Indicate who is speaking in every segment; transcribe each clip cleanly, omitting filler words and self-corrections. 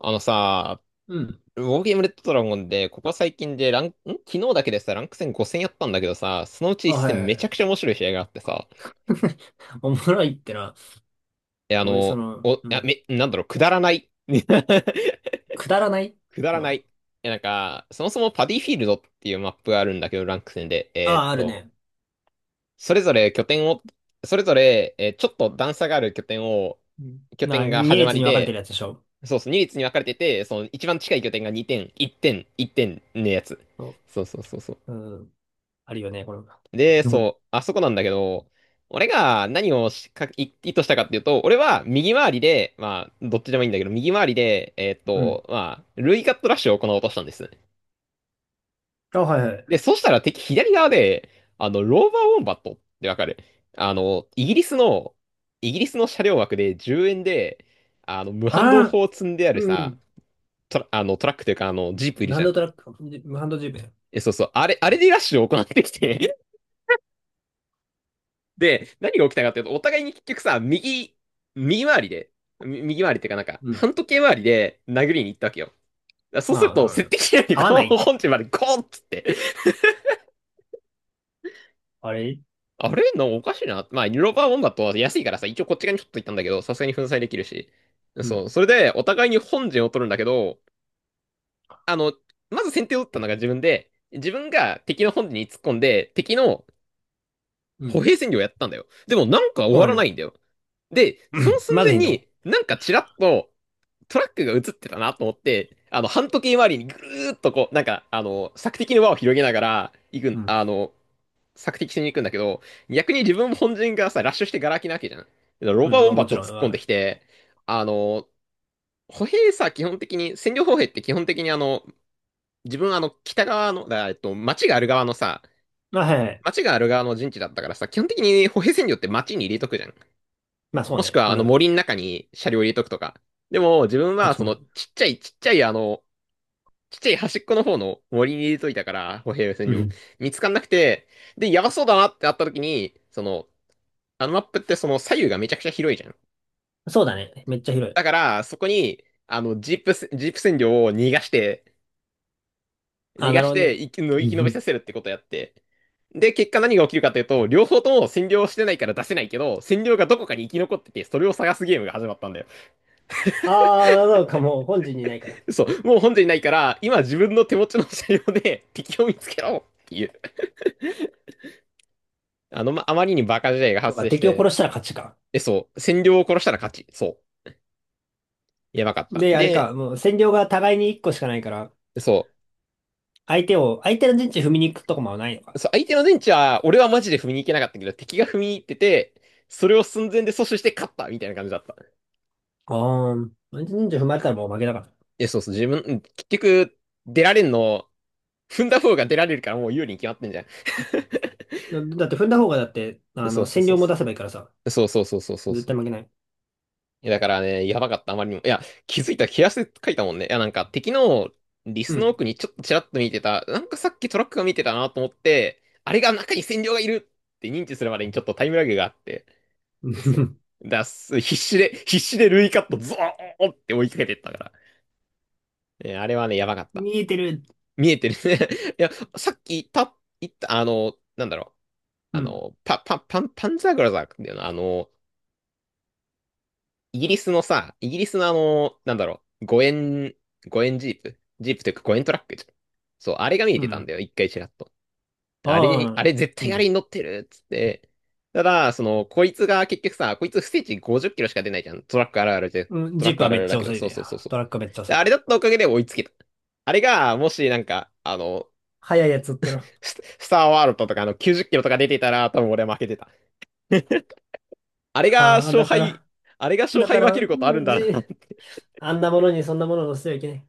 Speaker 1: あのさ、
Speaker 2: うん。
Speaker 1: ウォーゲームレッドドラゴンで、ここ最近でラン、ん昨日だけでさ、ランク戦5戦やったんだけどさ、そのうち1
Speaker 2: あ、はい
Speaker 1: 戦
Speaker 2: はい
Speaker 1: め
Speaker 2: は
Speaker 1: ちゃ
Speaker 2: い。
Speaker 1: くちゃ面白い試合があってさ、
Speaker 2: おもろいってな。
Speaker 1: え、あ
Speaker 2: こういうそ
Speaker 1: の、
Speaker 2: の、
Speaker 1: お、い
Speaker 2: う
Speaker 1: や、
Speaker 2: ん。
Speaker 1: め、なんだろう、くだらない。
Speaker 2: くだらない。
Speaker 1: くだらな
Speaker 2: ま
Speaker 1: い。なんか、そもそもパディフィールドっていうマップがあるんだけど、ランク戦で、
Speaker 2: あ、ああ、あるね。
Speaker 1: それぞれ拠点を、それぞれ、えーちょっと段差がある拠点を、
Speaker 2: うん
Speaker 1: 拠
Speaker 2: な、
Speaker 1: 点が始ま
Speaker 2: 2列
Speaker 1: り
Speaker 2: に分かれて
Speaker 1: で、
Speaker 2: るやつでしょ。
Speaker 1: そうそう、2列に分かれてて、その一番近い拠点が2点、1点、1点のやつ。
Speaker 2: そ
Speaker 1: そうそうそうそう。
Speaker 2: う。うん。あるよね、この。
Speaker 1: で、
Speaker 2: うん
Speaker 1: そう、あそこなんだけど、俺が何をしかい意図したかっていうと、俺は右回りで、まあ、どっちでもいいんだけど、右回りで、
Speaker 2: うん。
Speaker 1: まあ、ルイカットラッシュを行おうとしたんですね。
Speaker 2: あ、はいはい。
Speaker 1: で、そしたら敵左側で、ローバーウォンバットってわかる？あの、イギリスの、イギリスの車両枠で10円で、無反動
Speaker 2: ああ、
Speaker 1: 砲を積んである
Speaker 2: う
Speaker 1: さ、
Speaker 2: ん。
Speaker 1: トラックというか、ジープいる
Speaker 2: ハ
Speaker 1: じ
Speaker 2: ン
Speaker 1: ゃ
Speaker 2: ド
Speaker 1: ん。
Speaker 2: トラック、ハンドジーペン。
Speaker 1: そうそう、あれでラッシュを行ってきて、で、何が起きたかっていうと、お互いに結局さ、右回りで、右回りっていうかなんか、
Speaker 2: うん。
Speaker 1: 反時計回りで殴りに行ったわけよ。だからそう
Speaker 2: ま
Speaker 1: する
Speaker 2: あ、
Speaker 1: と、設
Speaker 2: はい、
Speaker 1: 定機能に
Speaker 2: 合わ
Speaker 1: この
Speaker 2: ない。
Speaker 1: 本陣までゴーンっつって、
Speaker 2: あれ、
Speaker 1: あれのおかしいな。まあ、ニューロバーボンだと安いからさ、一応こっち側にちょっと行ったんだけど、さすがに粉砕できるし。
Speaker 2: う
Speaker 1: そ
Speaker 2: ん。
Speaker 1: う、それで、お互いに本陣を取るんだけど、あの、まず先手を打ったのが自分で、自分が敵の本陣に突っ込んで、敵の
Speaker 2: う
Speaker 1: 歩
Speaker 2: ん。
Speaker 1: 兵戦略をやったんだよ。でもなんか終わ
Speaker 2: お
Speaker 1: ら
Speaker 2: い、
Speaker 1: ないんだよ。で、その寸
Speaker 2: まだ
Speaker 1: 前
Speaker 2: いいの？
Speaker 1: に、なんかちらっと、トラックが映ってたなと思って、半時計回りにぐるーっとこう、なんか、索敵の輪を広げながら、行く
Speaker 2: う
Speaker 1: ん、
Speaker 2: ん。
Speaker 1: あの、索敵しに行くんだけど、逆に自分本陣がさ、ラッシュしてガラ空きなわけじゃん。ロ
Speaker 2: う
Speaker 1: バー
Speaker 2: ん、
Speaker 1: ボ
Speaker 2: ま
Speaker 1: ン
Speaker 2: あ
Speaker 1: バ
Speaker 2: も
Speaker 1: ッ
Speaker 2: ち
Speaker 1: ト
Speaker 2: ろん。
Speaker 1: 突
Speaker 2: あ、
Speaker 1: っ込んで
Speaker 2: は
Speaker 1: きて、あの、歩兵さ、基本的に、占領歩兵って基本的に自分北側の、だから
Speaker 2: いはい。
Speaker 1: 町がある側の陣地だったからさ、基本的に歩兵占領って町に入れとくじゃん。
Speaker 2: まあそう
Speaker 1: もしく
Speaker 2: ね。
Speaker 1: は
Speaker 2: そう
Speaker 1: あ
Speaker 2: な
Speaker 1: の
Speaker 2: るね。
Speaker 1: 森の中に車両入れとくとか。でも、自分
Speaker 2: あ、
Speaker 1: は
Speaker 2: つ
Speaker 1: そ
Speaker 2: も
Speaker 1: の、
Speaker 2: り。
Speaker 1: ちっちゃいちっちゃいちっちゃい端っこの方の森に入れといたから、歩兵戦
Speaker 2: う
Speaker 1: 場。
Speaker 2: ん。
Speaker 1: 見つかんなくて、で、やばそうだなってなった時に、その、あのマップってその左右がめちゃくちゃ広いじゃん。
Speaker 2: そうだね。めっちゃ広
Speaker 1: だか
Speaker 2: い。
Speaker 1: ら、そこに、ジープ占領を逃がして、逃
Speaker 2: あ、
Speaker 1: が
Speaker 2: なる
Speaker 1: し
Speaker 2: ほど
Speaker 1: て、
Speaker 2: ね。
Speaker 1: 生き延びさせるってことやって。で、結果何が起きるかというと、両方とも占領してないから出せないけど、占領がどこかに生き残ってて、それを探すゲームが始まったんだよ。
Speaker 2: ああ、なんかもう本陣にないから。
Speaker 1: そう、もう本陣ないから、今自分の手持ちの車両で敵を見つけろっていう。あまりにバカ時代が
Speaker 2: そう
Speaker 1: 発
Speaker 2: か、
Speaker 1: 生し
Speaker 2: 敵を
Speaker 1: て、
Speaker 2: 殺したら勝ちか。
Speaker 1: そう。占領を殺したら勝ち。そう。やばかった。
Speaker 2: で、あれ
Speaker 1: で、
Speaker 2: か、もう占領が互いに1個しかないから、
Speaker 1: そ
Speaker 2: 相手の陣地踏みに行くとこもないの
Speaker 1: う。
Speaker 2: か。
Speaker 1: そう、相手の電池は、俺はマジで踏みに行けなかったけど、敵が踏みに行ってて、それを寸前で阻止して勝ったみたいな感じだった。
Speaker 2: ああ、相手の陣地踏まれたらもう負けだか
Speaker 1: そうそう。自分、うん結局、出られんの、踏んだ方が出られるからもう有利に決まってんじゃん。
Speaker 2: ら。だって踏んだ方がだって、あ
Speaker 1: そ
Speaker 2: の、
Speaker 1: うそう
Speaker 2: 占
Speaker 1: そう
Speaker 2: 領も
Speaker 1: そ
Speaker 2: 出せばいいからさ、
Speaker 1: う。そうそうそうそう
Speaker 2: 絶
Speaker 1: そ
Speaker 2: 対
Speaker 1: う。
Speaker 2: 負けない。
Speaker 1: いやだからね、やばかった、あまりにも。いや、気づいたら、毛足で書いたもんね。いや、なんか敵のリ
Speaker 2: う
Speaker 1: スの
Speaker 2: ん。
Speaker 1: 奥にちょっとちらっと見てた、なんかさっきトラックが見てたなと思って、あれが中に占領がいるって認知するまでにちょっとタイムラグがあって、そ う。必死で、必死でルイカットゾーンって追いかけてったから。ねあれはね、やばかった。
Speaker 2: 見えてる。
Speaker 1: 見えてるね。いや、さっき言った、なんだろう。
Speaker 2: うん。
Speaker 1: パンザーグラザーだよな。イギリスのなんだろう、5円ジープというか5円トラックじゃん。そう、あれが見え
Speaker 2: う
Speaker 1: てたん
Speaker 2: ん。
Speaker 1: だよ、一回ちらっと。あれに、
Speaker 2: あ
Speaker 1: あ
Speaker 2: あ、
Speaker 1: れ絶
Speaker 2: いい
Speaker 1: 対あ
Speaker 2: ね。
Speaker 1: れに乗ってるっつって。ただ、その、こいつが結局さ、こいつ不正値50キロしか出ないじゃん。トラックあるあるで、
Speaker 2: うん、
Speaker 1: トラ
Speaker 2: ジ
Speaker 1: ッ
Speaker 2: ープ
Speaker 1: クあ
Speaker 2: は
Speaker 1: る
Speaker 2: め
Speaker 1: あ
Speaker 2: っ
Speaker 1: る
Speaker 2: ち
Speaker 1: だ
Speaker 2: ゃ
Speaker 1: けど、
Speaker 2: 遅い
Speaker 1: そう
Speaker 2: ね。
Speaker 1: そうそうそう。
Speaker 2: トラックはめっちゃ
Speaker 1: で、
Speaker 2: 遅い。
Speaker 1: あれだったおかげで追いつけた。あれが、もしなんか、
Speaker 2: 速いやつだったら。
Speaker 1: スターワールドとかあの90キロとか出てたら、多分俺は負けてた。あれが
Speaker 2: ああ、
Speaker 1: 勝敗、あれが勝
Speaker 2: だ
Speaker 1: 敗
Speaker 2: か
Speaker 1: 分
Speaker 2: ら、
Speaker 1: け
Speaker 2: う
Speaker 1: ることあるん
Speaker 2: ん
Speaker 1: だなって。
Speaker 2: あんなものにそんなもの乗せてはいけない。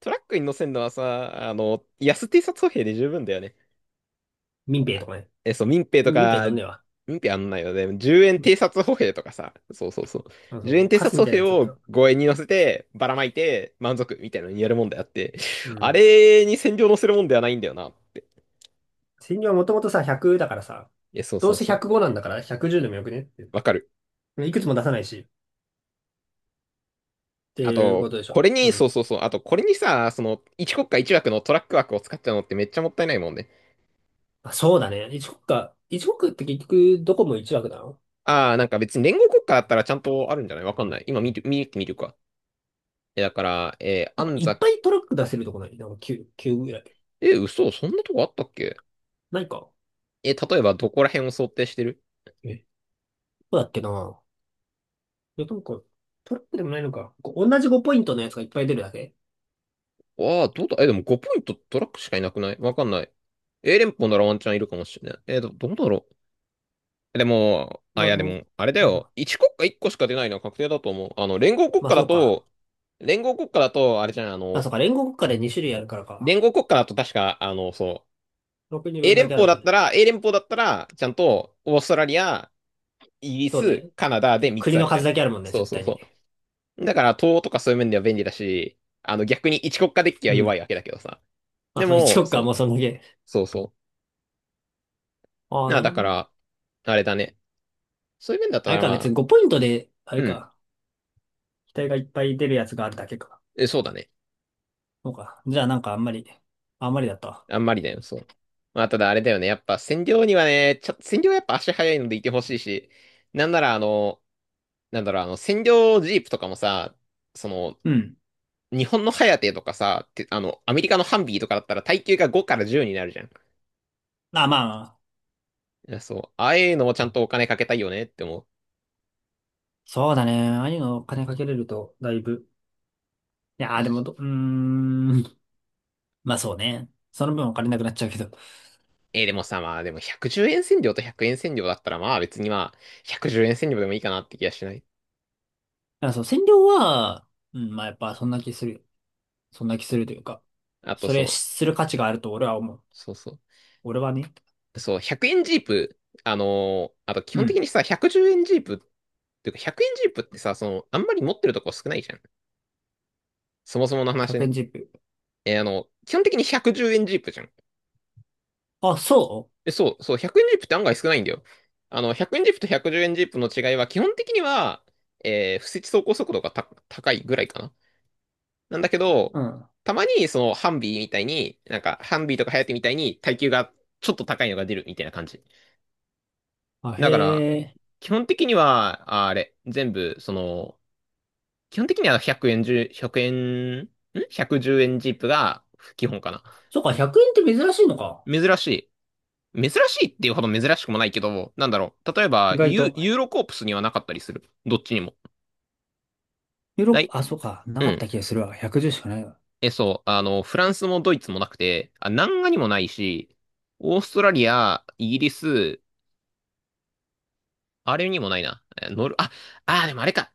Speaker 1: トラックに乗せるのはさ、安偵察歩兵で十分だよね。
Speaker 2: 民兵とかね。
Speaker 1: そう、
Speaker 2: みたいになんねえわ。
Speaker 1: 民兵あんないよね。10円
Speaker 2: うん、
Speaker 1: 偵察歩兵とかさ、そうそうそう。
Speaker 2: あそ
Speaker 1: 10円
Speaker 2: う、
Speaker 1: 偵
Speaker 2: カ
Speaker 1: 察
Speaker 2: スみ
Speaker 1: 歩
Speaker 2: たいな
Speaker 1: 兵
Speaker 2: やつだった
Speaker 1: を
Speaker 2: ら。
Speaker 1: 5円に乗せて、ばらまいて、満足みたいなのにやるもんであって、
Speaker 2: う
Speaker 1: あ
Speaker 2: ん。
Speaker 1: れに戦場乗せるもんではないんだよなって。
Speaker 2: 千両はもともとさ、100だからさ、
Speaker 1: そう
Speaker 2: ど
Speaker 1: そ
Speaker 2: う
Speaker 1: う
Speaker 2: せ
Speaker 1: そう。
Speaker 2: 105なんだから110でもよくねって。
Speaker 1: わかる。
Speaker 2: いくつも出さないし、って
Speaker 1: あ
Speaker 2: いうこ
Speaker 1: と、
Speaker 2: とでしょ。
Speaker 1: これ
Speaker 2: う
Speaker 1: に、そ
Speaker 2: ん。
Speaker 1: うそうそう。あと、これにさ、その、一国家一枠のトラック枠を使っちゃうのってめっちゃもったいないもんね。
Speaker 2: あ、そうだね。1国か。1国って結局どこも1枠なの？
Speaker 1: ああ、なんか別に連合国家だったらちゃんとあるんじゃない？わかんない。今見て、見てみるか。だから、えー
Speaker 2: なんか
Speaker 1: 安
Speaker 2: いっ
Speaker 1: 座、
Speaker 2: ぱいトラック出せるとこない？なんか9、9ぐらい。
Speaker 1: え、嘘、そんなとこあったっけ？
Speaker 2: ないか。
Speaker 1: 例えばどこら辺を想定してる？
Speaker 2: え、どうだっけ。ないや、なんか、トラックでもないのか。こう同じ5ポイントのやつがいっぱい出るだけ。
Speaker 1: ああー、どうだ、え、でも5ポイントトラックしかいなくない？わかんない。A 連邦ならワンチャンいるかもしれない。えー、どうだろう。でも、
Speaker 2: な、
Speaker 1: で
Speaker 2: もう、
Speaker 1: も、あれだよ。1国家1個しか出ないのは確定だと思う。
Speaker 2: まあそうか。
Speaker 1: 連合国家だと、あれじゃん、
Speaker 2: あ、そうか。連合国家で2種類あるからか。
Speaker 1: 連合国家だと確か、そ
Speaker 2: 6人
Speaker 1: う、
Speaker 2: 分だけあるもんね。
Speaker 1: A 連邦だったら、ちゃんと、オーストラリア、イギリ
Speaker 2: そう
Speaker 1: ス、
Speaker 2: ね。
Speaker 1: カナダで3つ
Speaker 2: 国
Speaker 1: あ
Speaker 2: の
Speaker 1: るじゃ
Speaker 2: 数
Speaker 1: ん。
Speaker 2: だけあるもんね、
Speaker 1: そう
Speaker 2: 絶
Speaker 1: そう
Speaker 2: 対に。
Speaker 1: そう。だから、東とかそういう面では便利だし、逆に一国家デッキは
Speaker 2: う
Speaker 1: 弱
Speaker 2: ん。
Speaker 1: いわけだけどさ。
Speaker 2: まあ、
Speaker 1: で
Speaker 2: その1
Speaker 1: も、
Speaker 2: 国かも
Speaker 1: そ
Speaker 2: う
Speaker 1: う、
Speaker 2: そんだけ。
Speaker 1: そうそ
Speaker 2: ああ、
Speaker 1: う。あ、
Speaker 2: なる
Speaker 1: だ
Speaker 2: ほ
Speaker 1: か
Speaker 2: ど。
Speaker 1: ら、あれだね。そういう面だっ
Speaker 2: あ
Speaker 1: た
Speaker 2: れ
Speaker 1: ら、
Speaker 2: か、
Speaker 1: ま
Speaker 2: 別に
Speaker 1: あ、
Speaker 2: 5ポイントで、あれ
Speaker 1: うん。
Speaker 2: か、機体がいっぱい出るやつがあるだけか。
Speaker 1: そうだね。
Speaker 2: そうか。じゃあ、なんかあんまり、あんまりだったわ。
Speaker 1: あんまりだよ、そう。まあ、ただあれだよね。やっぱ、占領にはね、占領はやっぱ足早いのでいてほしいし、なんなら、なんだろう、占領ジープとかもさ、その、
Speaker 2: うん。
Speaker 1: 日本のハヤテとかさ、あの、アメリカのハンビーとかだったら、耐久が5から10になるじゃん。い
Speaker 2: まあ、まあ、
Speaker 1: や、そう。ああいうのもちゃんとお金かけたいよねって思う。
Speaker 2: そうだね。ああいうのお金かけれると、だいぶ。いやー、でも、うーん。まあそうね。その分お金なくなっちゃうけど。だか
Speaker 1: でもさ、まあでも110円線量と100円線量だったらまあ別にまあ110円線量でもいいかなって気がしない。
Speaker 2: らそう、占領は、うん、まあやっぱそんな気する。そんな気するというか。
Speaker 1: あと
Speaker 2: それ
Speaker 1: そう、
Speaker 2: する価値があると俺は思う。
Speaker 1: そうそう。
Speaker 2: 俺はね。
Speaker 1: そう、100円ジープ、あと基
Speaker 2: う
Speaker 1: 本的
Speaker 2: ん。
Speaker 1: にさ、110円ジープっていうか100円ジープってさ、その、あんまり持ってるとこ少ないじゃん。そもそもの話
Speaker 2: 100
Speaker 1: ね。
Speaker 2: 円ジップ。
Speaker 1: 基本的に110円ジープじゃん。
Speaker 2: あ、そ
Speaker 1: そう、そう、100円ジープって案外少ないんだよ。100円ジープと110円ジープの違いは基本的には、不設走行速度が高いぐらいかな。なんだけど、
Speaker 2: う、うん。
Speaker 1: たまにそのハンビーみたいに、なんかハンビーとかハヤテみたいに耐久がちょっと高いのが出るみたいな感じ。
Speaker 2: あ、へ
Speaker 1: だから、
Speaker 2: え。
Speaker 1: 基本的には、ああれ、全部、その、基本的には100円10、100円、110 円ジープが基本かな。
Speaker 2: そっか、100円って珍しいのか。
Speaker 1: 珍しい。珍しいっていうほど珍しくもないけど、なんだろう。例え
Speaker 2: 意
Speaker 1: ば、
Speaker 2: 外と。
Speaker 1: ユーロコープスにはなかったりする。どっちにも。
Speaker 2: よろ
Speaker 1: な
Speaker 2: こ、
Speaker 1: い。
Speaker 2: あ、そうか。な
Speaker 1: う
Speaker 2: かった
Speaker 1: ん。
Speaker 2: 気がするわ。110しかないわ。
Speaker 1: そう。フランスもドイツもなくて、南画にもないし、オーストラリア、イギリス、あれにもないな。えーノル、あ、あー、でもあれか。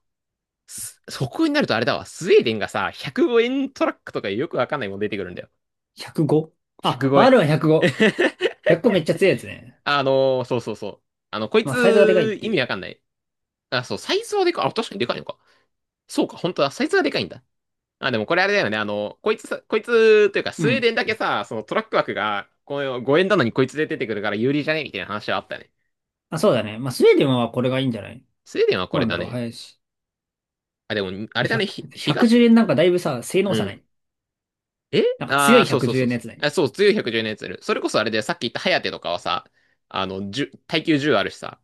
Speaker 1: そこになるとあれだわ。スウェーデンがさ、105円トラックとかよくわかんないもん出てくるんだよ。
Speaker 2: 105？
Speaker 1: 105
Speaker 2: あ、
Speaker 1: 円。
Speaker 2: R は105。105めっちゃ強いやつね。
Speaker 1: そうそうそう。こい
Speaker 2: まあ、サイズがでかいっ
Speaker 1: つ、
Speaker 2: て
Speaker 1: 意
Speaker 2: い
Speaker 1: 味わ
Speaker 2: う。
Speaker 1: かんない。あ、そう、サイズはでかい。あ、確かにでかいのか。そうか、本当だ。サイズはでかいんだ。でもこれあれだよね。こいつさ、こいつ、というか、
Speaker 2: う
Speaker 1: スウェー
Speaker 2: ん。
Speaker 1: デンだけさ、そのトラック枠が、この5円なのにこいつで出てくるから有利じゃねみたいな話はあったね。
Speaker 2: あ、そうだね。まあ、スウェーデンはこれがいいんじゃない？
Speaker 1: スウェーデンはこ
Speaker 2: どう
Speaker 1: れ
Speaker 2: なん
Speaker 1: だ
Speaker 2: だろう。
Speaker 1: ね。
Speaker 2: 早いし。
Speaker 1: でも、あれ
Speaker 2: 1
Speaker 1: だ
Speaker 2: 0
Speaker 1: ね。
Speaker 2: 1 0円なんかだいぶさ、性能
Speaker 1: う
Speaker 2: 差な
Speaker 1: ん。
Speaker 2: い。
Speaker 1: え
Speaker 2: なんか強
Speaker 1: ああー、
Speaker 2: い
Speaker 1: そうそう
Speaker 2: 110
Speaker 1: そう
Speaker 2: 円のや
Speaker 1: そう。
Speaker 2: つない？
Speaker 1: あ、そう、強い110のやついる。それこそあれで、さっき言ったハヤテとかはさ、1耐久10あるしさ、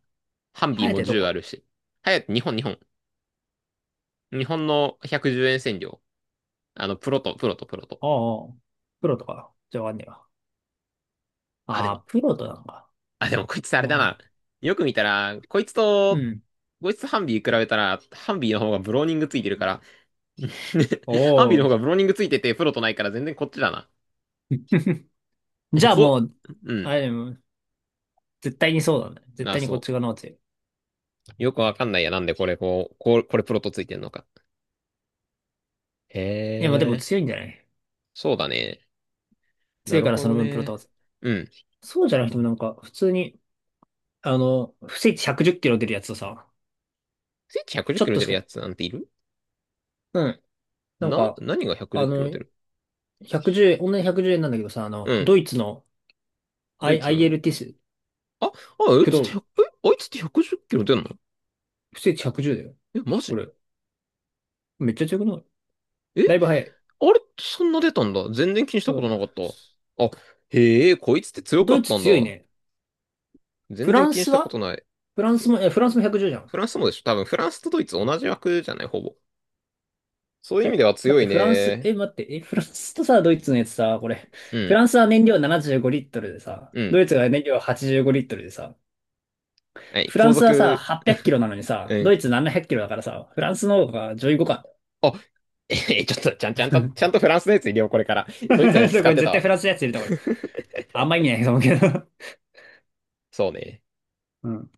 Speaker 1: ハンビー
Speaker 2: ハヤ
Speaker 1: も
Speaker 2: テど
Speaker 1: 10あ
Speaker 2: こ？
Speaker 1: るし。ハヤテ、日本、日本。日本の110円占領。プロと、プロと、プロと。
Speaker 2: ああ、プロとか。じゃあわかんねえわ。
Speaker 1: あ、で
Speaker 2: ああ、
Speaker 1: も、
Speaker 2: プロとなのか。
Speaker 1: あ、でも、こいつあ
Speaker 2: な
Speaker 1: れ
Speaker 2: る
Speaker 1: だ
Speaker 2: ほ
Speaker 1: な。
Speaker 2: ど。
Speaker 1: よく見たら、
Speaker 2: うん。
Speaker 1: こいつとハンビー比べたら、ハンビーの方がブローニングついてるから、
Speaker 2: お
Speaker 1: ハンビーの方
Speaker 2: お。
Speaker 1: がブローニングついてて、プロとないから全然こっちだな。
Speaker 2: じゃあも
Speaker 1: こ、
Speaker 2: う、
Speaker 1: うん。
Speaker 2: あれ、絶対にそうだね。絶
Speaker 1: なあ、
Speaker 2: 対にこっ
Speaker 1: そ
Speaker 2: ち側の方が強い。
Speaker 1: う。よくわかんないや。なんでこれ、これプロとついてんのか。へ
Speaker 2: いや、まあでも
Speaker 1: え、
Speaker 2: 強いんじゃない？
Speaker 1: そうだね。な
Speaker 2: 強い
Speaker 1: る
Speaker 2: から
Speaker 1: ほ
Speaker 2: そ
Speaker 1: ど
Speaker 2: の分プロ
Speaker 1: ね。
Speaker 2: 倒せ。
Speaker 1: うん。
Speaker 2: そうじゃなくてもなんか、普通に、あの、不正値110キロ出るやつとさ、
Speaker 1: スイッチ110キ
Speaker 2: ちょっ
Speaker 1: ロ
Speaker 2: と
Speaker 1: 出
Speaker 2: し
Speaker 1: る
Speaker 2: か、
Speaker 1: やつなんている
Speaker 2: うん。なん
Speaker 1: な？
Speaker 2: か、
Speaker 1: 何が110
Speaker 2: あ
Speaker 1: キロ
Speaker 2: の、
Speaker 1: 出る？
Speaker 2: 110円、同じ110円なんだけどさ、あ
Speaker 1: う
Speaker 2: の、
Speaker 1: ん。
Speaker 2: ドイツの
Speaker 1: ドイ
Speaker 2: I、
Speaker 1: ツ
Speaker 2: アイエ
Speaker 1: の。
Speaker 2: l ティス、
Speaker 1: あい
Speaker 2: 駆
Speaker 1: つって
Speaker 2: 動、
Speaker 1: 1え、あいつって110キロ出んの
Speaker 2: 不正値110だよ。
Speaker 1: マ
Speaker 2: こ
Speaker 1: ジ
Speaker 2: れ、めっちゃ強くない？
Speaker 1: え、
Speaker 2: だいぶ
Speaker 1: あ
Speaker 2: 早い。
Speaker 1: れってそんな出たんだ。全然気にした
Speaker 2: う
Speaker 1: こと
Speaker 2: ん。
Speaker 1: なかった。あ、へえ、こいつって強か
Speaker 2: ドイ
Speaker 1: っ
Speaker 2: ツ
Speaker 1: たん
Speaker 2: 強い
Speaker 1: だ。
Speaker 2: ね。フ
Speaker 1: 全
Speaker 2: ラ
Speaker 1: 然
Speaker 2: ン
Speaker 1: 気にし
Speaker 2: ス
Speaker 1: たこ
Speaker 2: は
Speaker 1: とない。
Speaker 2: フランス
Speaker 1: フ、
Speaker 2: も、え、フランスも110じゅうじゃん。
Speaker 1: フランスもでしょ多分フランスとドイツ同じ枠じゃない、ほぼ。そういう
Speaker 2: え
Speaker 1: 意味では
Speaker 2: 待っ
Speaker 1: 強
Speaker 2: て、
Speaker 1: い
Speaker 2: フランス、
Speaker 1: ね。
Speaker 2: 待って、フランスとさ、ドイツのやつさ、これ、
Speaker 1: う
Speaker 2: フラ
Speaker 1: ん、
Speaker 2: ンスは燃料75リットルでさ、
Speaker 1: うん。
Speaker 2: ドイツが燃料85リットルでさ、
Speaker 1: はい、
Speaker 2: フラ
Speaker 1: 後
Speaker 2: ンスはさ、
Speaker 1: 続、
Speaker 2: 800キロなのにさ、
Speaker 1: う
Speaker 2: ド
Speaker 1: ん。
Speaker 2: イツ700キロだからさ、フランスの方が上位互換。
Speaker 1: あ、えちょっと、ちゃん とフランスのやつ入れよう、これから。ドイツのやつ
Speaker 2: そう
Speaker 1: 使
Speaker 2: こ
Speaker 1: っ
Speaker 2: れ
Speaker 1: てた
Speaker 2: 絶対
Speaker 1: わ。
Speaker 2: フランスのやつ入れた方がいい。あんま意味ないと思うけど。
Speaker 1: そうね。
Speaker 2: うん。